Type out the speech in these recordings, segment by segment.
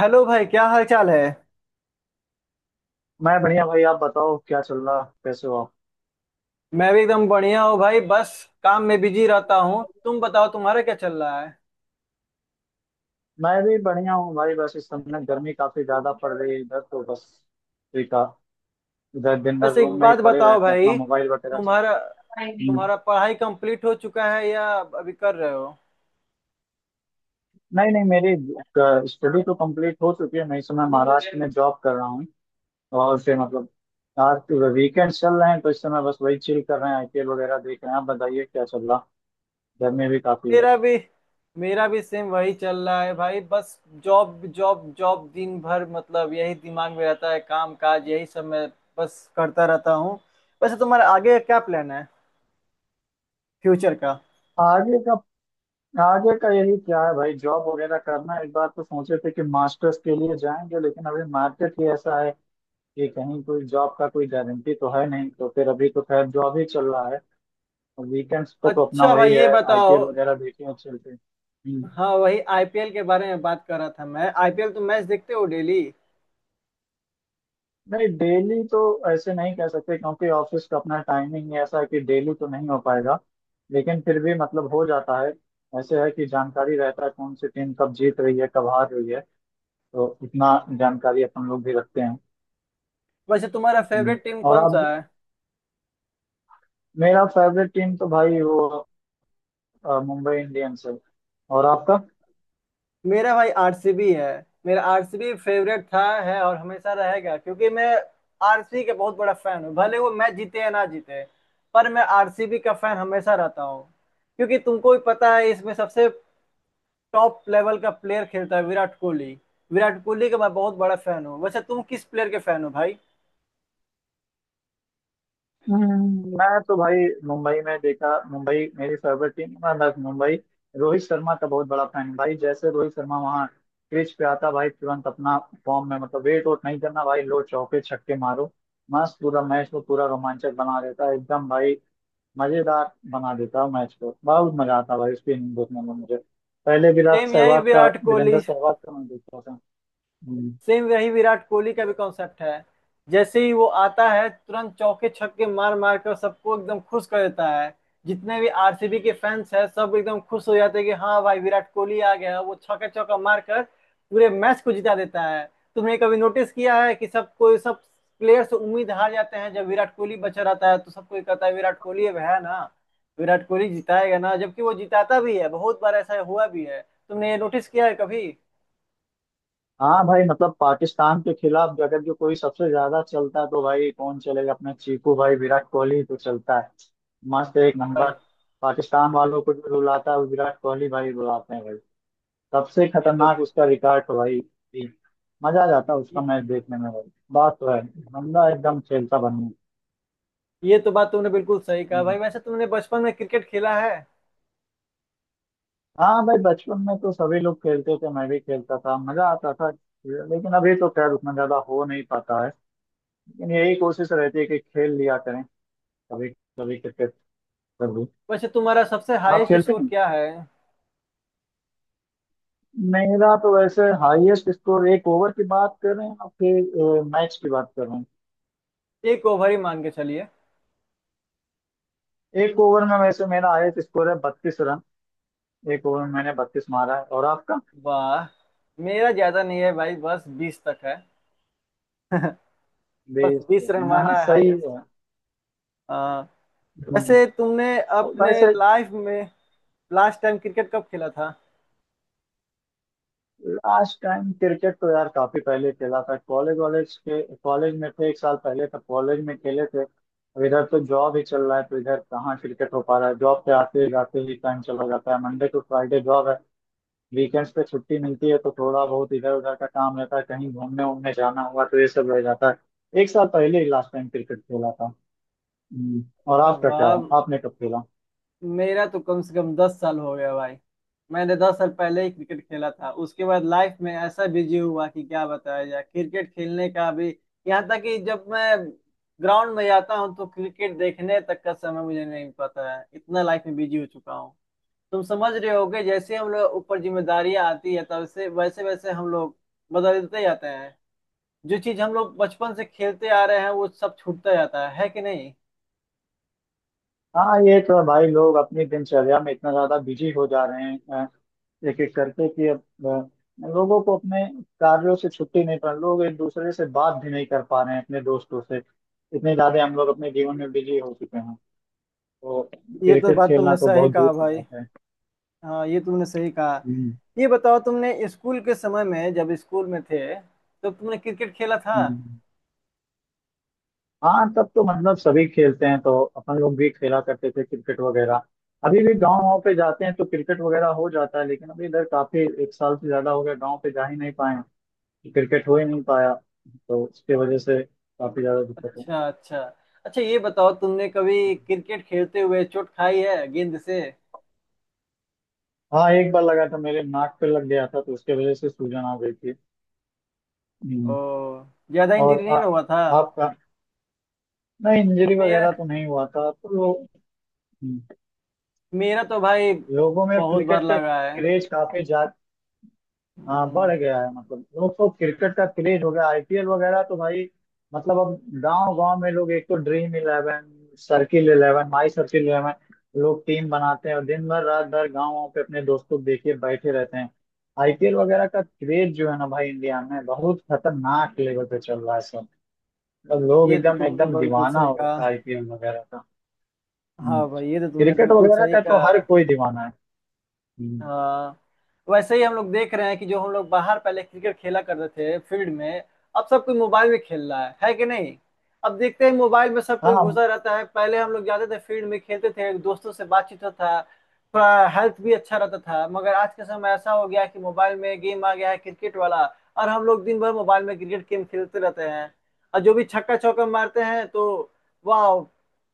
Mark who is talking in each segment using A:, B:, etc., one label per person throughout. A: Hello भाई क्या हाल चाल है।
B: मैं बढ़िया भाई, आप बताओ क्या चल रहा, कैसे हो आप?
A: मैं भी एकदम बढ़िया हूँ भाई बस काम में बिजी रहता हूँ। तुम बताओ तुम्हारा क्या चल रहा है।
B: मैं भी बढ़िया हूँ भाई, बस इस समय गर्मी काफी ज्यादा पड़ रही है इधर तो। बस ठीक है। इधर दिन भर
A: वैसे एक
B: रूम में ही
A: बात
B: पड़े
A: बताओ
B: रहते हैं अपना
A: भाई
B: मोबाइल वगैरह से।
A: तुम्हारा
B: हम्म।
A: तुम्हारा पढ़ाई कंप्लीट हो चुका है या अभी कर रहे हो।
B: नहीं नहीं, मेरी स्टडी तो कंप्लीट हो चुकी है। मैं इस समय महाराष्ट्र में जॉब कर रहा हूँ। और फिर मतलब, यार वीकेंड चल रहे हैं तो इस समय बस वही चिल कर रहे हैं, आईपीएल वगैरह देख रहे हैं। आप बताइए क्या चल रहा, गर्मी भी काफी है।
A: मेरा भी मेरा भी सेम वही चल रहा है भाई। बस जॉब जॉब जॉब दिन भर मतलब यही दिमाग में रहता है काम काज यही सब मैं बस करता रहता हूँ। वैसे तुम्हारा आगे का क्या प्लान है फ्यूचर का।
B: आगे का? आगे का यही क्या है भाई, जॉब वगैरह करना। एक बार तो सोचे थे कि मास्टर्स के लिए जाएंगे, लेकिन अभी मार्केट ही ऐसा है कि कहीं कोई जॉब का कोई गारंटी तो है नहीं, तो फिर अभी तो खैर जॉब ही चल रहा है। और वीकेंड्स पे तो अपना
A: अच्छा
B: वही
A: भाई ये
B: है,
A: बताओ।
B: आईपीएल वगैरह देखे और चलते हैं। हम्म।
A: हाँ वही आईपीएल के बारे में बात कर रहा था मैं। आईपीएल तुम मैच देखते हो डेली।
B: नहीं, डेली तो ऐसे नहीं कह सकते, क्योंकि ऑफिस का अपना टाइमिंग ही ऐसा है कि डेली तो नहीं हो पाएगा। लेकिन फिर भी मतलब हो जाता है। ऐसे है कि जानकारी रहता है कौन सी टीम कब जीत रही है, कब हार रही है, तो इतना जानकारी अपन लोग भी रखते हैं।
A: वैसे तुम्हारा
B: हम्म।
A: फेवरेट टीम
B: और
A: कौन
B: आप?
A: सा है।
B: मेरा फेवरेट टीम तो भाई वो मुंबई इंडियंस है। और आपका?
A: मेरा भाई आरसीबी है। मेरा आरसीबी फेवरेट था, है और हमेशा रहेगा क्योंकि मैं आरसीबी के बहुत बड़ा फैन हूँ, भले वो मैच जीते या ना जीते। पर मैं आरसीबी का फैन हमेशा रहता हूँ, क्योंकि तुमको भी पता है इसमें सबसे टॉप लेवल का प्लेयर खेलता है विराट कोहली। विराट कोहली का मैं बहुत बड़ा फैन हूँ। वैसे तुम किस प्लेयर के फैन हो भाई।
B: हम्म। मैं तो भाई मुंबई में देखा, मुंबई मेरी फेवरेट टीम, मैं बस मुंबई, रोहित शर्मा का बहुत बड़ा फैन हूँ भाई। जैसे रोहित शर्मा वहाँ क्रीज पे आता भाई, तुरंत अपना फॉर्म में, मतलब वेट वोट नहीं करना भाई, लो चौके छक्के मारो। मस्त, पूरा मैच को पूरा रोमांचक बना देता है एकदम भाई, मजेदार बना देता है मैच को। बहुत मजा आता है भाई उसकी इनिंग देखने में मुझे। पहले विराट
A: सेम यही
B: सहवाग का,
A: विराट कोहली
B: वीरेंद्र सहवाग का मैं देखता था। हम्म।
A: सेम वही विराट कोहली का भी कॉन्सेप्ट है। जैसे ही वो आता है तुरंत चौके छक्के मार मार कर सबको एकदम खुश कर देता है। जितने भी आरसीबी के फैंस हैं सब एकदम खुश हो जाते हैं कि हाँ भाई विराट कोहली आ गया, वो छक्का चौका मार कर पूरे मैच को जिता देता है। तुमने कभी नोटिस किया है कि सब कोई, सब प्लेयर्स उम्मीद हार जाते हैं, जब विराट कोहली बचा रहता है तो सब कोई कहता है विराट कोहली अब है ना। विराट कोहली जिताएगा ना, जबकि वो जिताता भी है, बहुत बार ऐसा हुआ भी है। तुमने ये नोटिस किया है कभी
B: हाँ भाई, मतलब पाकिस्तान के खिलाफ अगर जो कोई सबसे ज्यादा चलता है तो भाई कौन चलेगा? अपना चीकू भाई विराट कोहली तो चलता है मस्त, एक
A: भाई।
B: नंबर। पाकिस्तान वालों को जो रुलाता है वो विराट कोहली भाई, रुलाते हैं भाई। सबसे
A: ये तो
B: खतरनाक उसका रिकॉर्ड है भाई। मजा आ जाता है उसका
A: ये,
B: मैच देखने में भाई, बात तो है, बंदा एकदम खेलता बन गया।
A: ये तो बात तुमने बिल्कुल सही कहा भाई।
B: हम्म।
A: वैसे तुमने बचपन में क्रिकेट खेला है।
B: हाँ भाई, बचपन में तो सभी लोग खेलते थे, मैं भी खेलता था, मजा आता था। लेकिन अभी तो खैर उतना ज्यादा हो नहीं पाता है, लेकिन यही कोशिश रहती है कि खेल लिया करें कभी, कभी क्रिकेट, कभी।
A: वैसे तुम्हारा सबसे
B: आप
A: हाईएस्ट
B: खेलते
A: स्कोर
B: हैं?
A: क्या है।
B: मेरा तो वैसे हाईएस्ट स्कोर, एक ओवर की बात कर रहे हैं आप फिर मैच की बात कर रहे
A: एक ओवर ही मान के चलिए।
B: हैं? एक ओवर में वैसे मेरा हाईएस्ट स्कोर है 32 रन, एक ओवर में मैंने 32 मारा है। और आपका?
A: वाह। मेरा ज्यादा नहीं है भाई बस 20 तक है। बस
B: 20?
A: 20 रन
B: हाँ
A: मारना है
B: सही
A: हाईएस्ट।
B: है।
A: हाँ।
B: हम्म।
A: वैसे तुमने
B: और
A: अपने
B: वैसे,
A: लाइफ में लास्ट टाइम क्रिकेट कब खेला था।
B: लास्ट टाइम क्रिकेट तो यार काफी पहले खेला था, कॉलेज वॉलेज के, कॉलेज में थे, एक साल पहले तक कॉलेज में खेले थे। अब इधर तो जॉब ही चल रहा है, तो इधर कहाँ क्रिकेट हो पा रहा है, जॉब पे आते जाते ही टाइम चला जाता है। मंडे टू फ्राइडे जॉब है, वीकेंड्स पे छुट्टी मिलती है, तो थोड़ा बहुत इधर उधर का काम रहता है, कहीं घूमने उमने जाना हुआ तो ये सब रह जाता है। एक साल पहले ही लास्ट टाइम क्रिकेट खेला था। हम्म। और
A: अच्छा,
B: आपका क्या,
A: वाह।
B: आपने कब खेला?
A: मेरा तो कम से कम 10 साल हो गया भाई। मैंने 10 साल पहले ही क्रिकेट खेला था, उसके बाद लाइफ में ऐसा बिजी हुआ कि क्या बताया जाए, क्रिकेट खेलने का भी। यहाँ तक कि जब मैं ग्राउंड में जाता हूँ तो क्रिकेट देखने तक का समय मुझे नहीं, पता है इतना लाइफ में बिजी हो चुका हूँ। तुम समझ रहे होगे, जैसे हम लोग ऊपर जिम्मेदारियां आती है तब से वैसे वैसे हम लोग बदलते जाते हैं। जो चीज हम लोग बचपन से खेलते आ रहे हैं वो सब छूटता जाता है कि नहीं।
B: हाँ, ये तो है भाई, लोग अपनी दिनचर्या में इतना ज्यादा बिजी हो जा रहे हैं एक एक करके कि अब लोगों को अपने कार्यों से छुट्टी नहीं, पा लोग एक दूसरे से बात भी नहीं कर पा रहे हैं अपने दोस्तों से, इतने ज्यादा हम लोग अपने जीवन में बिजी हो चुके हैं, तो
A: ये तो
B: क्रिकेट
A: बात
B: खेलना
A: तुमने
B: तो
A: सही
B: बहुत दूर
A: कहा
B: की
A: भाई।
B: बात है।
A: हाँ ये तुमने सही कहा।
B: हम्म।
A: ये बताओ तुमने स्कूल के समय में जब स्कूल में थे तो तुमने क्रिकेट खेला था।
B: हम्म। हाँ, तब तो मतलब सभी खेलते हैं, तो अपन लोग भी खेला करते थे क्रिकेट वगैरह। अभी भी गाँव वाँव पे जाते हैं तो क्रिकेट वगैरह हो जाता है, लेकिन अभी इधर काफी एक साल से ज्यादा हो गया गाँव पे जा ही नहीं पाए हैं। क्रिकेट हो ही नहीं पाया, तो उसके वजह से काफी ज्यादा दिक्कत है।
A: अच्छा अच्छा। अच्छा ये बताओ तुमने कभी क्रिकेट खेलते हुए चोट खाई है गेंद से।
B: हाँ, एक बार लगा था, मेरे नाक पे लग गया था तो उसके वजह से सूजन आ गई थी।
A: ओ।
B: हम्म।
A: ज्यादा इंजरी
B: और
A: नहीं ना हुआ था।
B: आपका? नहीं, इंजरी
A: मेरा
B: वगैरह तो नहीं हुआ था तो लो, हम्म,
A: मेरा तो भाई
B: लोगों में
A: बहुत बार
B: क्रिकेट का
A: लगा है।
B: क्रेज काफी ज्यादा, हाँ, बढ़
A: हम्म।
B: गया है, मतलब लोग तो, क्रिकेट का क्रेज हो गया आईपीएल वगैरह तो भाई, मतलब अब गांव गांव में लोग, एक तो Dream Eleven, Circle Eleven, My Circle Eleven, लोग टीम बनाते हैं और दिन भर रात भर गाँव पे अपने दोस्तों को देखे बैठे रहते हैं। आईपीएल वगैरह का क्रेज जो है ना भाई, इंडिया में बहुत खतरनाक लेवल पे चल रहा है सब, मतलब लोग
A: ये तो
B: एकदम
A: तुमने
B: एकदम
A: बिल्कुल
B: दीवाना
A: सही
B: हो
A: कहा।
B: रखा है आईपीएल वगैरह का। हम्म।
A: हाँ भाई ये तो तुमने
B: क्रिकेट
A: बिल्कुल
B: वगैरह
A: सही
B: का तो
A: कहा।
B: हर कोई दीवाना है। हम्म।
A: हाँ वैसे ही हम लोग देख रहे हैं कि जो हम लोग बाहर पहले क्रिकेट खेला करते थे फील्ड में, अब सब कोई मोबाइल में खेल रहा है कि नहीं। अब देखते हैं मोबाइल में सब
B: हाँ
A: कोई
B: हाँ।
A: घुसा रहता है, पहले हम लोग जाते थे फील्ड में, खेलते थे, दोस्तों से बातचीत होता था, थोड़ा हेल्थ भी अच्छा रहता था। मगर आज के समय ऐसा हो गया है कि मोबाइल में गेम आ गया है क्रिकेट वाला, और हम लोग दिन भर मोबाइल में क्रिकेट गेम खेलते रहते हैं। और जो भी छक्का चौका मारते हैं तो वाह,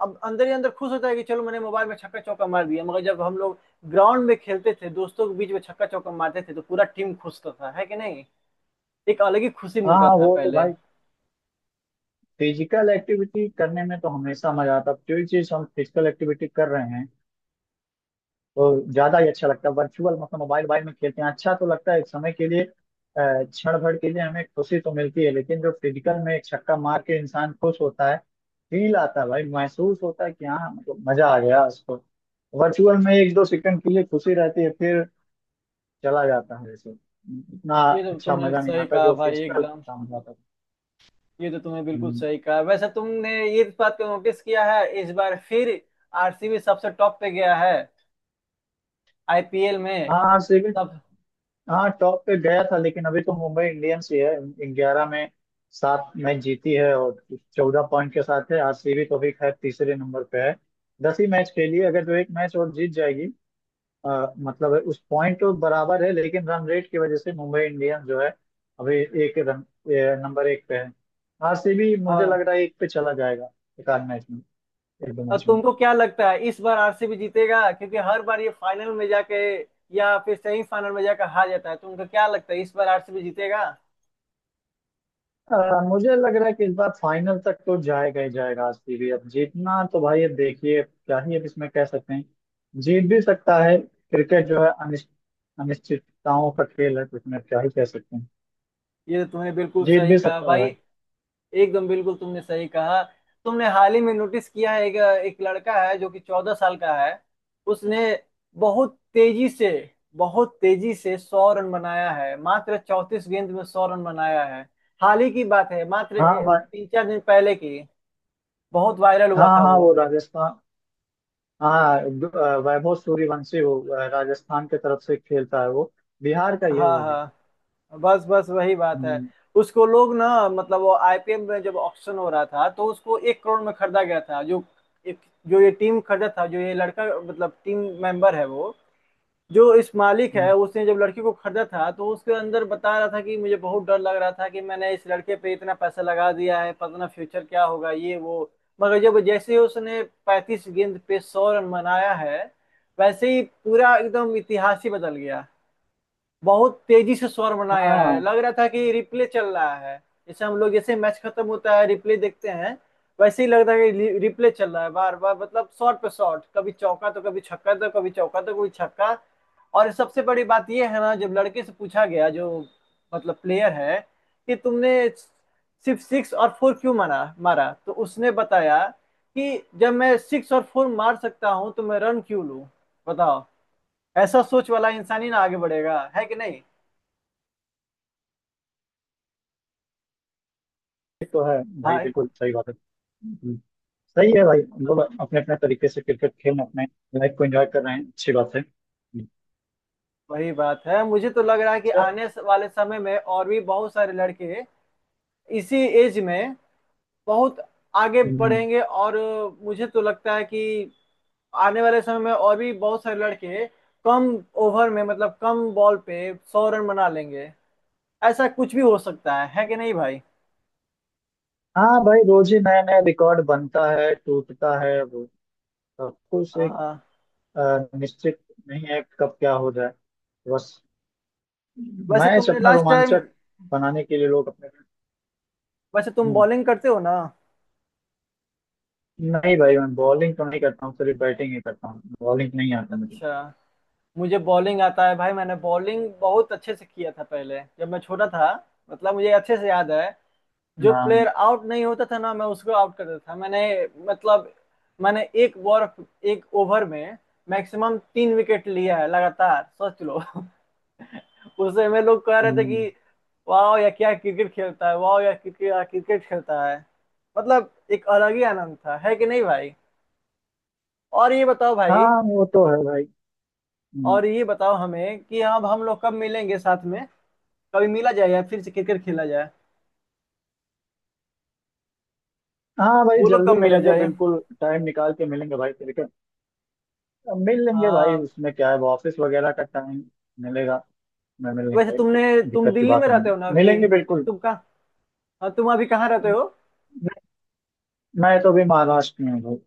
A: अब अंदर ही अंदर खुश होता है कि चलो मैंने मोबाइल में छक्का चौका मार दिया। मगर जब हम लोग ग्राउंड में खेलते थे दोस्तों के बीच में छक्का चौका मारते थे तो पूरा टीम खुश होता था, है कि नहीं। एक अलग ही खुशी मिलता
B: हाँ,
A: था
B: वो तो
A: पहले।
B: भाई फिजिकल एक्टिविटी करने में तो हमेशा मजा आता है, जो चीज हम फिजिकल एक्टिविटी कर रहे हैं तो ज्यादा ही अच्छा लगता है। वर्चुअल मतलब मोबाइल, मोबाइल में खेलते हैं अच्छा तो लगता है एक समय के लिए, क्षण भर के लिए हमें खुशी तो मिलती है, लेकिन जो फिजिकल में एक छक्का मार के इंसान खुश होता है, फील आता है भाई, महसूस होता है कि हाँ, मतलब मजा आ गया उसको। वर्चुअल में एक दो सेकंड के लिए खुशी रहती है, फिर चला जाता है, जैसे उतना
A: ये तो
B: अच्छा
A: तुमने
B: मजा नहीं
A: सही
B: आता
A: कहा
B: जो
A: भाई
B: फिजिकल
A: एकदम।
B: काम जाता है।
A: ये तो तुमने बिल्कुल
B: हम्म।
A: सही कहा। वैसे तुमने ये बात को नोटिस किया है, इस बार फिर आरसीबी सबसे टॉप पे गया है आईपीएल में
B: हाँ सिविल।
A: सब।
B: हाँ, टॉप पे गया था, लेकिन अभी तो मुंबई इंडियंस ही है, 11 में 7 मैच जीती है और 14 पॉइंट के साथ है। आरसीबी तो भी खैर तीसरे नंबर पे है, 10 ही मैच खेली है, अगर जो एक मैच और जीत जाएगी मतलब है, उस पॉइंट तो बराबर है, लेकिन रन रेट की वजह से मुंबई इंडियंस जो है अभी एक रन नंबर एक पे है। आरसीबी मुझे लग
A: हाँ।
B: रहा है एक पे चला जाएगा एक आध मैच में, एक दो
A: और
B: मैच।
A: तुमको क्या लगता है इस बार आरसीबी जीतेगा, क्योंकि हर बार ये फाइनल में जाके या फिर सेमीफाइनल में जाकर हार जाता है। तुमको क्या लगता है इस बार आरसीबी जीतेगा।
B: मुझे लग रहा है कि इस बार फाइनल तक तो जाएगा ही जाएगा आरसीबी, अब जीतना तो भाई अब देखिए क्या ही अब इसमें कह सकते हैं, जीत भी सकता है। क्रिकेट जो है अनिश्चितताओं का खेल है, तो इसमें क्या ही कह सकते हैं,
A: ये तो तुमने बिल्कुल
B: जीत
A: सही
B: भी
A: कहा
B: सकता
A: भाई
B: है।
A: एकदम बिल्कुल, तुमने सही कहा। तुमने हाल ही में नोटिस किया है, एक, एक लड़का है जो कि 14 साल का है। उसने बहुत तेजी से बहुत तेजी से 100 रन बनाया है, मात्र 34 गेंद में 100 रन बनाया है। हाल ही की बात है, मात्र
B: हाँ
A: तीन चार दिन पहले की। बहुत वायरल हुआ
B: हाँ
A: था
B: हाँ
A: वो।
B: वो राजस्थान, हाँ वैभव सूर्यवंशी, वो राजस्थान की तरफ से खेलता है, वो बिहार का ही है
A: हाँ,
B: वो भी।
A: हाँ। बस बस वही बात है।
B: हम्म।
A: उसको लोग ना, मतलब वो आईपीएल में जब ऑक्शन हो रहा था तो उसको 1 करोड़ में खरीदा गया था। जो एक जो ये टीम खरीदा था, जो ये लड़का मतलब टीम मेंबर है वो, जो इस मालिक है
B: हम्म।
A: उसने जब लड़के को खरीदा था तो उसके अंदर बता रहा था कि मुझे बहुत डर लग रहा था कि मैंने इस लड़के पे इतना पैसा लगा दिया है, पता ना फ्यूचर क्या होगा, ये वो। मगर जब, जैसे ही उसने 35 गेंद पे 100 रन बनाया है वैसे ही पूरा एकदम इतिहास ही बदल गया। बहुत तेजी से स्वर बनाया है,
B: हाँ,
A: लग रहा था कि रिप्ले चल रहा है। जैसे हम लोग, जैसे मैच खत्म होता है रिप्ले देखते हैं, वैसे ही लग रहा है कि रिप्ले चल रहा है बार बार। मतलब शॉट पे शॉट, कभी चौका तो कभी छक्का, तो कभी चौका तो कभी छक्का। और सबसे बड़ी बात ये है ना, जब लड़के से पूछा गया, जो मतलब प्लेयर है, कि तुमने सिर्फ सिक्स और फोर क्यों मारा मारा तो उसने बताया कि जब मैं सिक्स और फोर मार सकता हूँ तो मैं रन क्यों लूँ। बताओ। ऐसा सोच वाला इंसान ही ना आगे बढ़ेगा, है कि नहीं।
B: ये तो है भाई
A: हाँ
B: बिल्कुल सही बात है। हम्म। सही है भाई, हम लोग अपने अपने तरीके से क्रिकेट खेल, अपने लाइफ को एंजॉय कर रहे हैं, अच्छी बात है। हम्म।
A: वही बात है। मुझे तो लग रहा है कि
B: अच्छा।
A: आने वाले समय में और भी बहुत सारे लड़के इसी एज में बहुत आगे
B: हम्म।
A: बढ़ेंगे। और मुझे तो लगता है कि आने वाले समय में और भी बहुत सारे लड़के कम ओवर में मतलब कम बॉल पे 100 रन बना लेंगे। ऐसा कुछ भी हो सकता है कि नहीं भाई।
B: हाँ भाई, रोज ही नया नया रिकॉर्ड बनता है, टूटता है, वो सब कुछ एक
A: हाँ
B: निश्चित नहीं है कब क्या हो जाए। बस
A: वैसे
B: मैच
A: तुमने
B: अपना
A: लास्ट टाइम।
B: रोमांचक बनाने के लिए लोग अपने।
A: वैसे तुम
B: हम्म।
A: बॉलिंग करते हो ना।
B: नहीं भाई, मैं बॉलिंग तो नहीं करता हूँ, सिर्फ बैटिंग ही करता हूँ, बॉलिंग नहीं आती मुझे।
A: अच्छा। मुझे बॉलिंग आता है भाई, मैंने बॉलिंग बहुत अच्छे से किया था पहले, जब मैं छोटा था। मतलब मुझे अच्छे से याद है, जो
B: हाँ।
A: प्लेयर आउट नहीं होता था ना, मैं उसको आउट कर देता था। मैंने मतलब मैंने एक बॉल, एक ओवर में मैक्सिमम 3 विकेट लिया है लगातार, सोच लो। उस समय लोग कह रहे थे
B: हम्म।
A: कि वाह या क्या क्रिकेट खेलता है, वाह या क्रिकेट क्रिकेट खेलता है। मतलब एक अलग ही आनंद था, है कि नहीं भाई। और ये बताओ भाई,
B: हाँ, वो तो है भाई। हम्म।
A: और ये बताओ हमें कि अब हम लोग कब मिलेंगे साथ में। कभी मिला जाए या फिर से क्रिकेट खेला जाए।
B: हाँ भाई,
A: बोलो कब
B: जल्दी
A: मिला
B: मिलेंगे,
A: जाए।
B: बिल्कुल टाइम निकाल के मिलेंगे भाई क्रिकेट। मिल लेंगे भाई,
A: हाँ
B: उसमें क्या है, वो ऑफिस वगैरह का टाइम मिलेगा, मैं मिल लेंगे
A: वैसे
B: भाई
A: तुमने।
B: तो।
A: तुम
B: दिक्कत की
A: दिल्ली
B: बात
A: में
B: नहीं
A: रहते हो ना
B: है,
A: अभी।
B: मिलेंगे बिल्कुल।
A: तुम कहाँ। हाँ, तुम अभी कहाँ रहते
B: मैं
A: हो।
B: मैं तो भी महाराष्ट्र में हूँ भाई।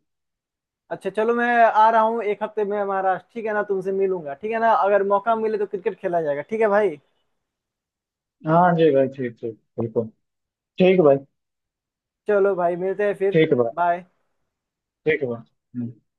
A: अच्छा चलो, मैं आ रहा हूँ एक हफ्ते में महाराष्ट्र, ठीक है ना, तुमसे मिलूंगा, ठीक है ना, अगर मौका मिले तो क्रिकेट खेला जाएगा, ठीक है भाई।
B: हाँ जी भाई, ठीक ठीक, बिल्कुल ठीक है भाई।
A: चलो भाई मिलते हैं फिर।
B: ठीक है भाई।
A: बाय।
B: ठीक है भाई। हम्म।